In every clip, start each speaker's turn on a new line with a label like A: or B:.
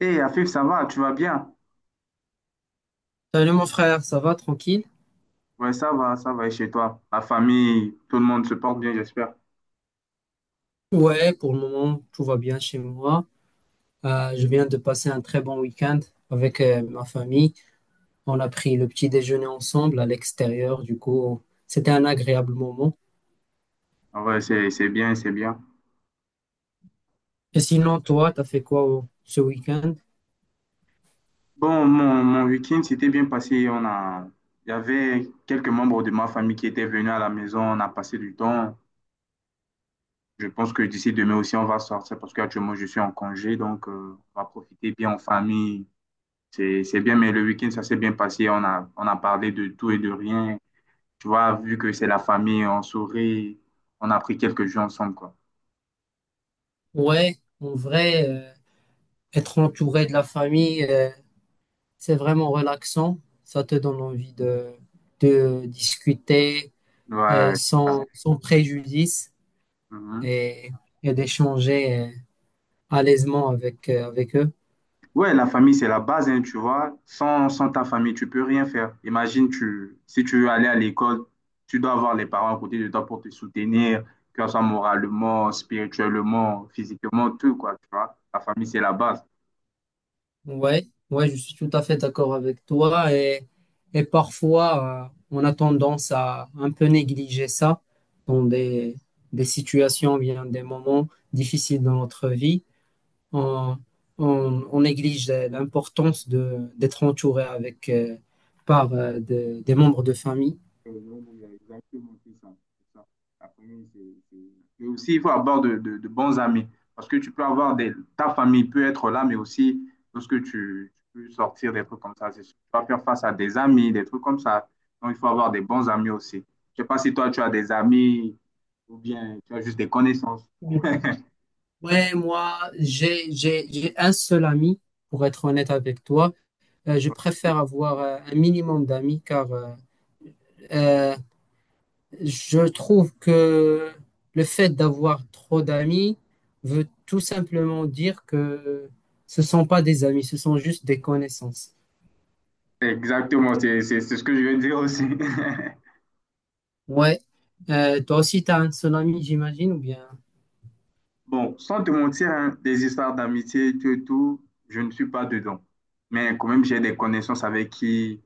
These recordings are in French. A: Hey, Afif, ça va, tu vas bien?
B: Salut mon frère, ça va tranquille?
A: Ouais, ça va, et chez toi? La famille, tout le monde se porte bien, j'espère.
B: Ouais, pour le moment, tout va bien chez moi. Je viens de passer un très bon week-end avec ma famille. On a pris le petit déjeuner ensemble à l'extérieur, du coup, c'était un agréable moment.
A: Ah ouais, c'est bien, c'est bien.
B: Et sinon, toi, t'as fait quoi ce week-end?
A: Bon, mon week-end s'était bien passé. Il y avait quelques membres de ma famille qui étaient venus à la maison. On a passé du temps. Je pense que d'ici demain aussi, on va sortir parce qu'actuellement, je suis en congé. Donc, on va profiter bien en famille. C'est bien, mais le week-end, ça s'est bien passé. On a parlé de tout et de rien. Tu vois, vu que c'est la famille, on sourit. On a pris quelques jours ensemble, quoi.
B: Ouais, en vrai, être entouré de la famille, c'est vraiment relaxant. Ça te donne envie de discuter euh,
A: Ouais, c'est ça.
B: sans, sans préjudice
A: Mhm.
B: et, et d'échanger à l'aisement avec, avec eux.
A: Ouais, la famille, c'est la base, hein, tu vois. Sans ta famille, tu peux rien faire. Imagine, si tu veux aller à l'école, tu dois avoir les parents à côté de toi pour te soutenir, que ce soit moralement, spirituellement, physiquement, tout, quoi, tu vois. La famille, c'est la base.
B: Ouais, ouais, je suis tout à fait d'accord avec toi. Et parfois, on a tendance à un peu négliger ça dans des situations, bien des moments difficiles dans notre vie. On, on néglige l'importance d'être entouré avec, par des membres de famille.
A: Et donc, il y a exactement ça. ça. La famille, c'est aussi, il faut avoir de bons amis. Parce que tu peux avoir des. Ta famille peut être là, mais aussi, lorsque tu peux sortir des trucs comme ça, c'est sûr. Tu vas faire face à des amis, des trucs comme ça. Donc, il faut avoir des bons amis aussi. Je ne sais pas si toi, tu as des amis ou bien tu as juste des connaissances.
B: Ouais, moi, j'ai un seul ami, pour être honnête avec toi. Je préfère avoir un minimum d'amis car euh, je trouve que le fait d'avoir trop d'amis veut tout simplement dire que ce sont pas des amis, ce sont juste des connaissances.
A: Exactement, c'est ce que je veux dire aussi.
B: Ouais. Toi aussi, tu as un seul ami, j'imagine, ou bien...
A: Bon, sans te mentir, hein, des histoires d'amitié, tout et tout, je ne suis pas dedans. Mais quand même, j'ai des connaissances avec qui,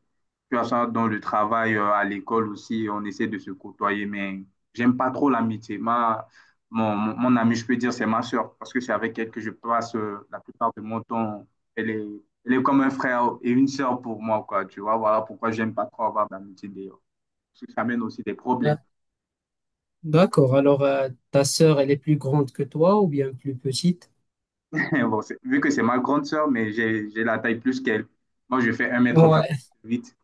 A: tu vois ça, dans le travail, à l'école aussi, on essaie de se côtoyer. Mais j'aime pas trop l'amitié. Mon amie, je peux dire, c'est ma sœur, parce que c'est avec elle que je passe la plupart de mon temps. Elle est, elle est comme un frère et une sœur pour moi, quoi. Tu vois, voilà pourquoi j'aime pas trop avoir d'amitié d'ailleurs. Parce que ça amène aussi des problèmes.
B: Là. D'accord. Alors, ta sœur, elle est plus grande que toi ou bien plus petite?
A: Bon, vu que c'est ma grande sœur, mais j'ai la taille plus qu'elle. Moi, je fais un mètre
B: Ouais.
A: quatre-vingt-huit.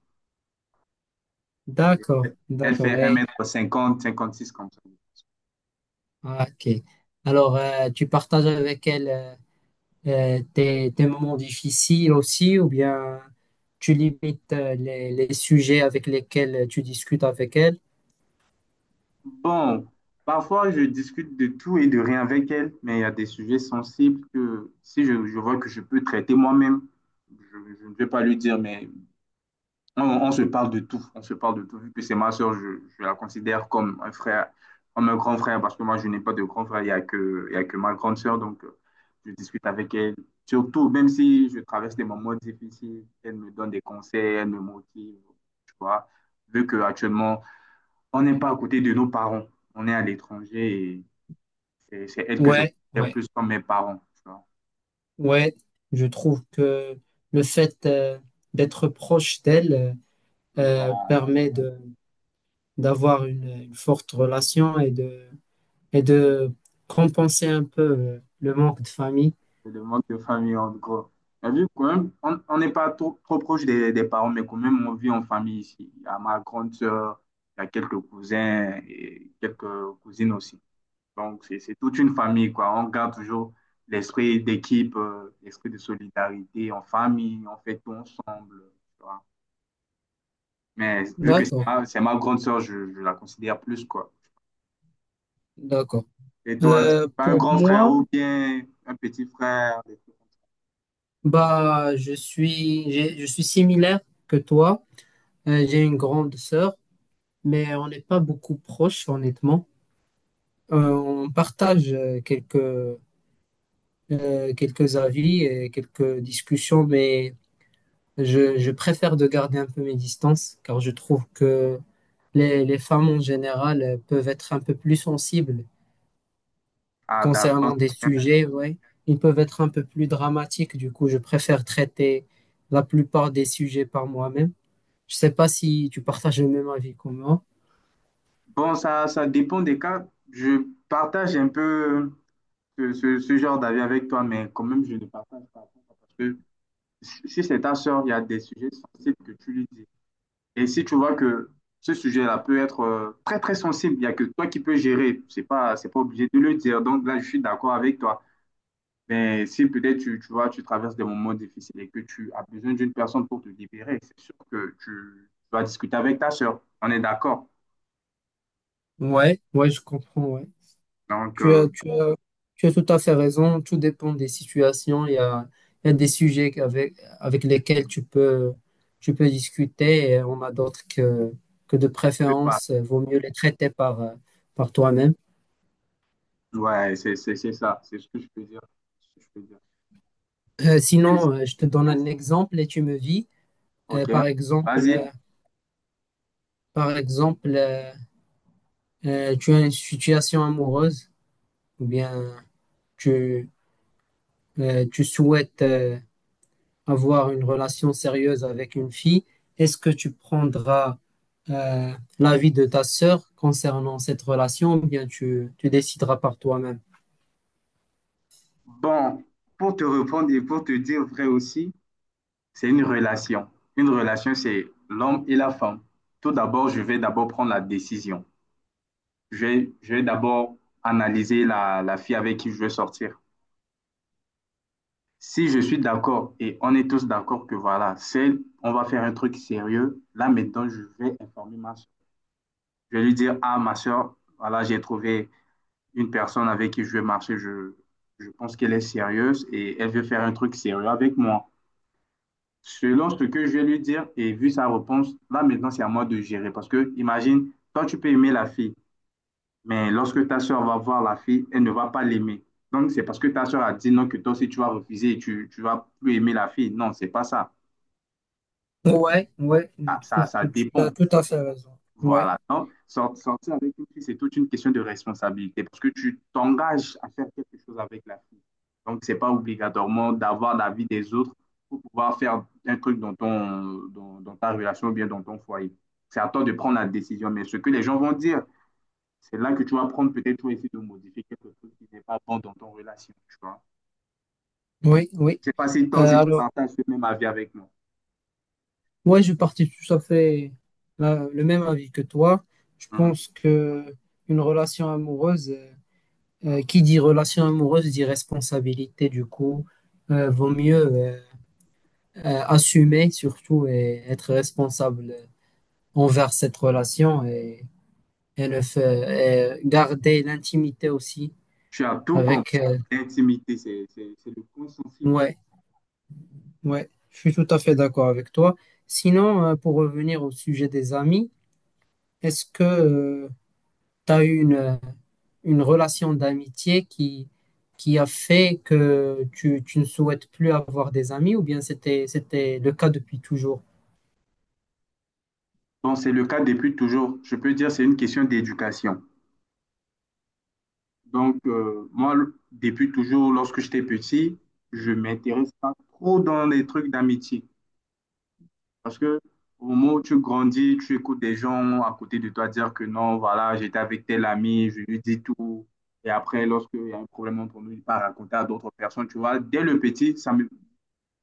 B: D'accord,
A: Elle
B: d'accord.
A: fait un
B: Et-
A: mètre cinquante, 56 comme ça.
B: ah, ok. Alors, tu partages avec elle... des, moments difficiles aussi, ou bien tu limites les, sujets avec lesquels tu discutes avec elle?
A: Bon, parfois, je discute de tout et de rien avec elle, mais il y a des sujets sensibles que si je vois que je peux traiter moi-même, je, je ne vais pas lui dire, mais on se parle de tout. On se parle de tout. Vu que c'est ma soeur, je la considère comme un frère, comme un grand frère, parce que moi, je n'ai pas de grand frère. Il y a que ma grande soeur. Donc, je discute avec elle. Surtout, même si je traverse des moments difficiles, elle me donne des conseils, elle me motive. Tu vois, vu qu'actuellement, on n'est pas à côté de nos parents. On est à l'étranger et c'est elle que je
B: Ouais,
A: considère
B: ouais,
A: plus comme mes parents. Tu vois.
B: ouais. Je trouve que le fait d'être proche d'elle
A: Voilà,
B: permet de d'avoir une forte relation et de compenser un peu le manque de famille.
A: c'est le manque de famille, en gros. Mais vu quand même, on n'est pas trop, trop proche des parents, mais quand même, on vit en famille ici. Il y a ma grande sœur, il y a quelques cousins et quelques cousines aussi. Donc, c'est toute une famille, quoi. On garde toujours l'esprit d'équipe, l'esprit de solidarité en famille, on fait tout ensemble, tu vois. Mais vu que c'est
B: D'accord,
A: ma, c'est ma grande sœur, je la considère plus, quoi.
B: d'accord.
A: Et toi, tu
B: Euh,
A: as un
B: pour
A: grand frère
B: moi,
A: ou bien un petit frère? Des trucs comme ça.
B: Je suis similaire que toi. J'ai une grande sœur, mais on n'est pas beaucoup proches, honnêtement. On partage quelques avis et quelques discussions, mais je préfère de garder un peu mes distances, car je trouve que les femmes en général peuvent être un peu plus sensibles
A: Ah, d'accord.
B: concernant des sujets, ouais. Ils peuvent être un peu plus dramatiques, du coup, je préfère traiter la plupart des sujets par moi-même. Je sais pas si tu partages le même avis que moi.
A: Bon, ça dépend des cas. Je partage un peu ce genre d'avis avec toi, mais quand même, je ne partage pas. Parce que si c'est ta sœur, il y a des sujets sensibles que tu lui dis. Et si tu vois que ce sujet-là peut être très, très sensible, il n'y a que toi qui peux gérer. C'est pas obligé de le dire. Donc là, je suis d'accord avec toi. Mais si peut-être tu vois, tu traverses des moments difficiles et que tu as besoin d'une personne pour te libérer, c'est sûr que tu dois discuter avec ta sœur. On est d'accord.
B: Ouais, ouais, je comprends, ouais.
A: Donc,
B: Tu as, tu as, tu as tout à fait raison. Tout dépend des situations. Il y a des sujets avec lesquels tu peux discuter et on a d'autres que de
A: je sais pas.
B: préférence, vaut mieux les traiter par, par toi-même.
A: Ouais, c'est ça, c'est ce que je peux dire. C'est ce que je peux dire.
B: Euh,
A: Et-
B: sinon, euh, je te donne un exemple et tu me dis, euh,
A: Ok,
B: par exemple,
A: vas-y.
B: euh, par exemple, tu as une situation amoureuse ou bien tu, tu souhaites avoir une relation sérieuse avec une fille, est-ce que tu prendras euh, l'avis de ta sœur concernant cette relation ou bien tu décideras par toi-même?
A: Bon, pour te répondre et pour te dire vrai aussi, c'est une relation. Une relation, c'est l'homme et la femme. Tout d'abord, je vais d'abord prendre la décision. Je vais d'abord analyser la fille avec qui je veux sortir. Si je suis d'accord et on est tous d'accord que voilà, c'est, on va faire un truc sérieux, là maintenant, je vais informer ma soeur. Je vais lui dire, ah, ma soeur, voilà, j'ai trouvé une personne avec qui je vais marcher, je pense qu'elle est sérieuse et elle veut faire un truc sérieux avec moi. Selon ce que je vais lui dire et vu sa réponse, là maintenant c'est à moi de gérer. Parce que imagine, toi tu peux aimer la fille, mais lorsque ta soeur va voir la fille, elle ne va pas l'aimer. Donc c'est parce que ta soeur a dit non que toi aussi tu vas refuser et tu vas plus aimer la fille. Non, c'est pas ça.
B: Ouais, ouais, je
A: Ah, Ça,
B: trouve
A: ça
B: que tu
A: dépend.
B: as tout à fait raison. Ouais.
A: Voilà. Donc, sortir avec une fille, c'est toute une question de responsabilité parce que tu t'engages à faire quelque chose avec la fille. Donc, c'est pas obligatoirement d'avoir l'avis des autres pour pouvoir faire un truc dans dans ta relation ou bien dans ton foyer. C'est à toi de prendre la décision. Mais ce que les gens vont dire, c'est là que tu vas prendre peut-être toi essayer de modifier quelque chose qui n'est pas bon dans ton relation, tu vois.
B: Oui, oui.
A: Je sais pas si toi
B: Euh,
A: aussi tu
B: alors,
A: partages ce même avis avec moi.
B: ouais je partais tout à fait le même avis que toi. Je
A: Mhm.
B: pense que une relation amoureuse, qui dit relation amoureuse dit responsabilité. Du coup, vaut mieux assumer surtout et être responsable envers cette relation et ne fait- et garder l'intimité aussi
A: Tu as tout compris.
B: avec. euh,
A: L'intimité, c'est le consensus.
B: ouais, ouais, je suis tout à fait d'accord avec toi. Sinon, pour revenir au sujet des amis, est-ce que tu as eu une relation d'amitié qui a fait que tu ne souhaites plus avoir des amis ou bien c'était le cas depuis toujours?
A: Donc, c'est le cas depuis toujours. Je peux dire c'est une question d'éducation. Donc, moi, depuis toujours, lorsque j'étais petit, je ne m'intéresse pas trop dans les trucs d'amitié. Parce que au moment où tu grandis, tu écoutes des gens à côté de toi dire que non, voilà, j'étais avec tel ami, je lui dis tout. Et après, lorsqu'il y a un problème entre nous, il part raconter à d'autres personnes. Tu vois, dès le petit, ça me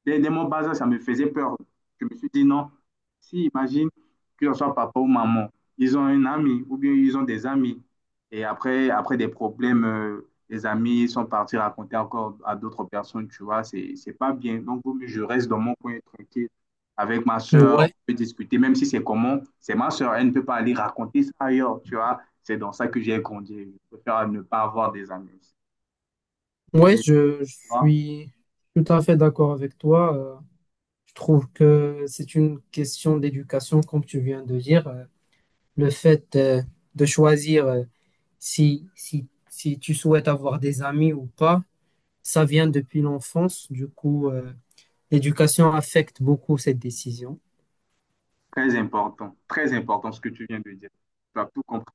A: Dès, dès mon bas âge, ça me faisait peur. Je me suis dit non. Si, imagine que ce soit papa ou maman, ils ont un ami ou bien ils ont des amis. Et après, après des problèmes, les amis sont partis raconter encore à d'autres personnes, tu vois, c'est pas bien. Donc, vaut mieux je reste dans mon coin tranquille avec ma soeur, on
B: Ouais,
A: peut discuter, même si c'est comment, c'est ma soeur, elle ne peut pas aller raconter ça ailleurs, tu vois. C'est dans ça que j'ai grandi. Je préfère ne pas avoir des amis aussi.
B: ouais,
A: Et, tu
B: je
A: vois,
B: suis tout à fait d'accord avec toi. Je trouve que c'est une question d'éducation, comme tu viens de dire. Le fait de choisir si tu souhaites avoir des amis ou pas, ça vient depuis l'enfance. Du coup, l'éducation affecte beaucoup cette décision.
A: très important, très important ce que tu viens de dire. Tu as tout compris.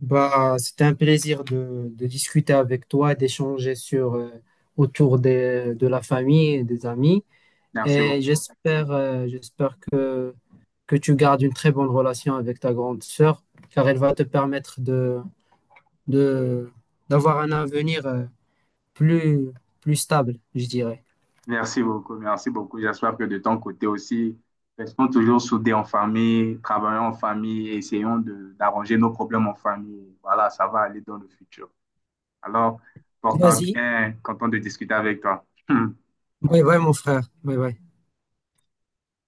B: C'était un plaisir de discuter avec toi, d'échanger sur, autour de la famille et des amis.
A: Merci beaucoup.
B: Et j'espère, j'espère que tu gardes une très bonne relation avec ta grande sœur, car elle va te permettre de, d'avoir un avenir plus, plus stable, je dirais.
A: Merci beaucoup. Merci beaucoup. J'espère que de ton côté aussi, restons toujours soudés en famille, travaillons en famille, essayons d'arranger nos problèmes en famille. Voilà, ça va aller dans le futur. Alors, porte-toi
B: Vas-y.
A: bien, content de discuter avec toi.
B: Oui, oui, mon frère. Oui, oui.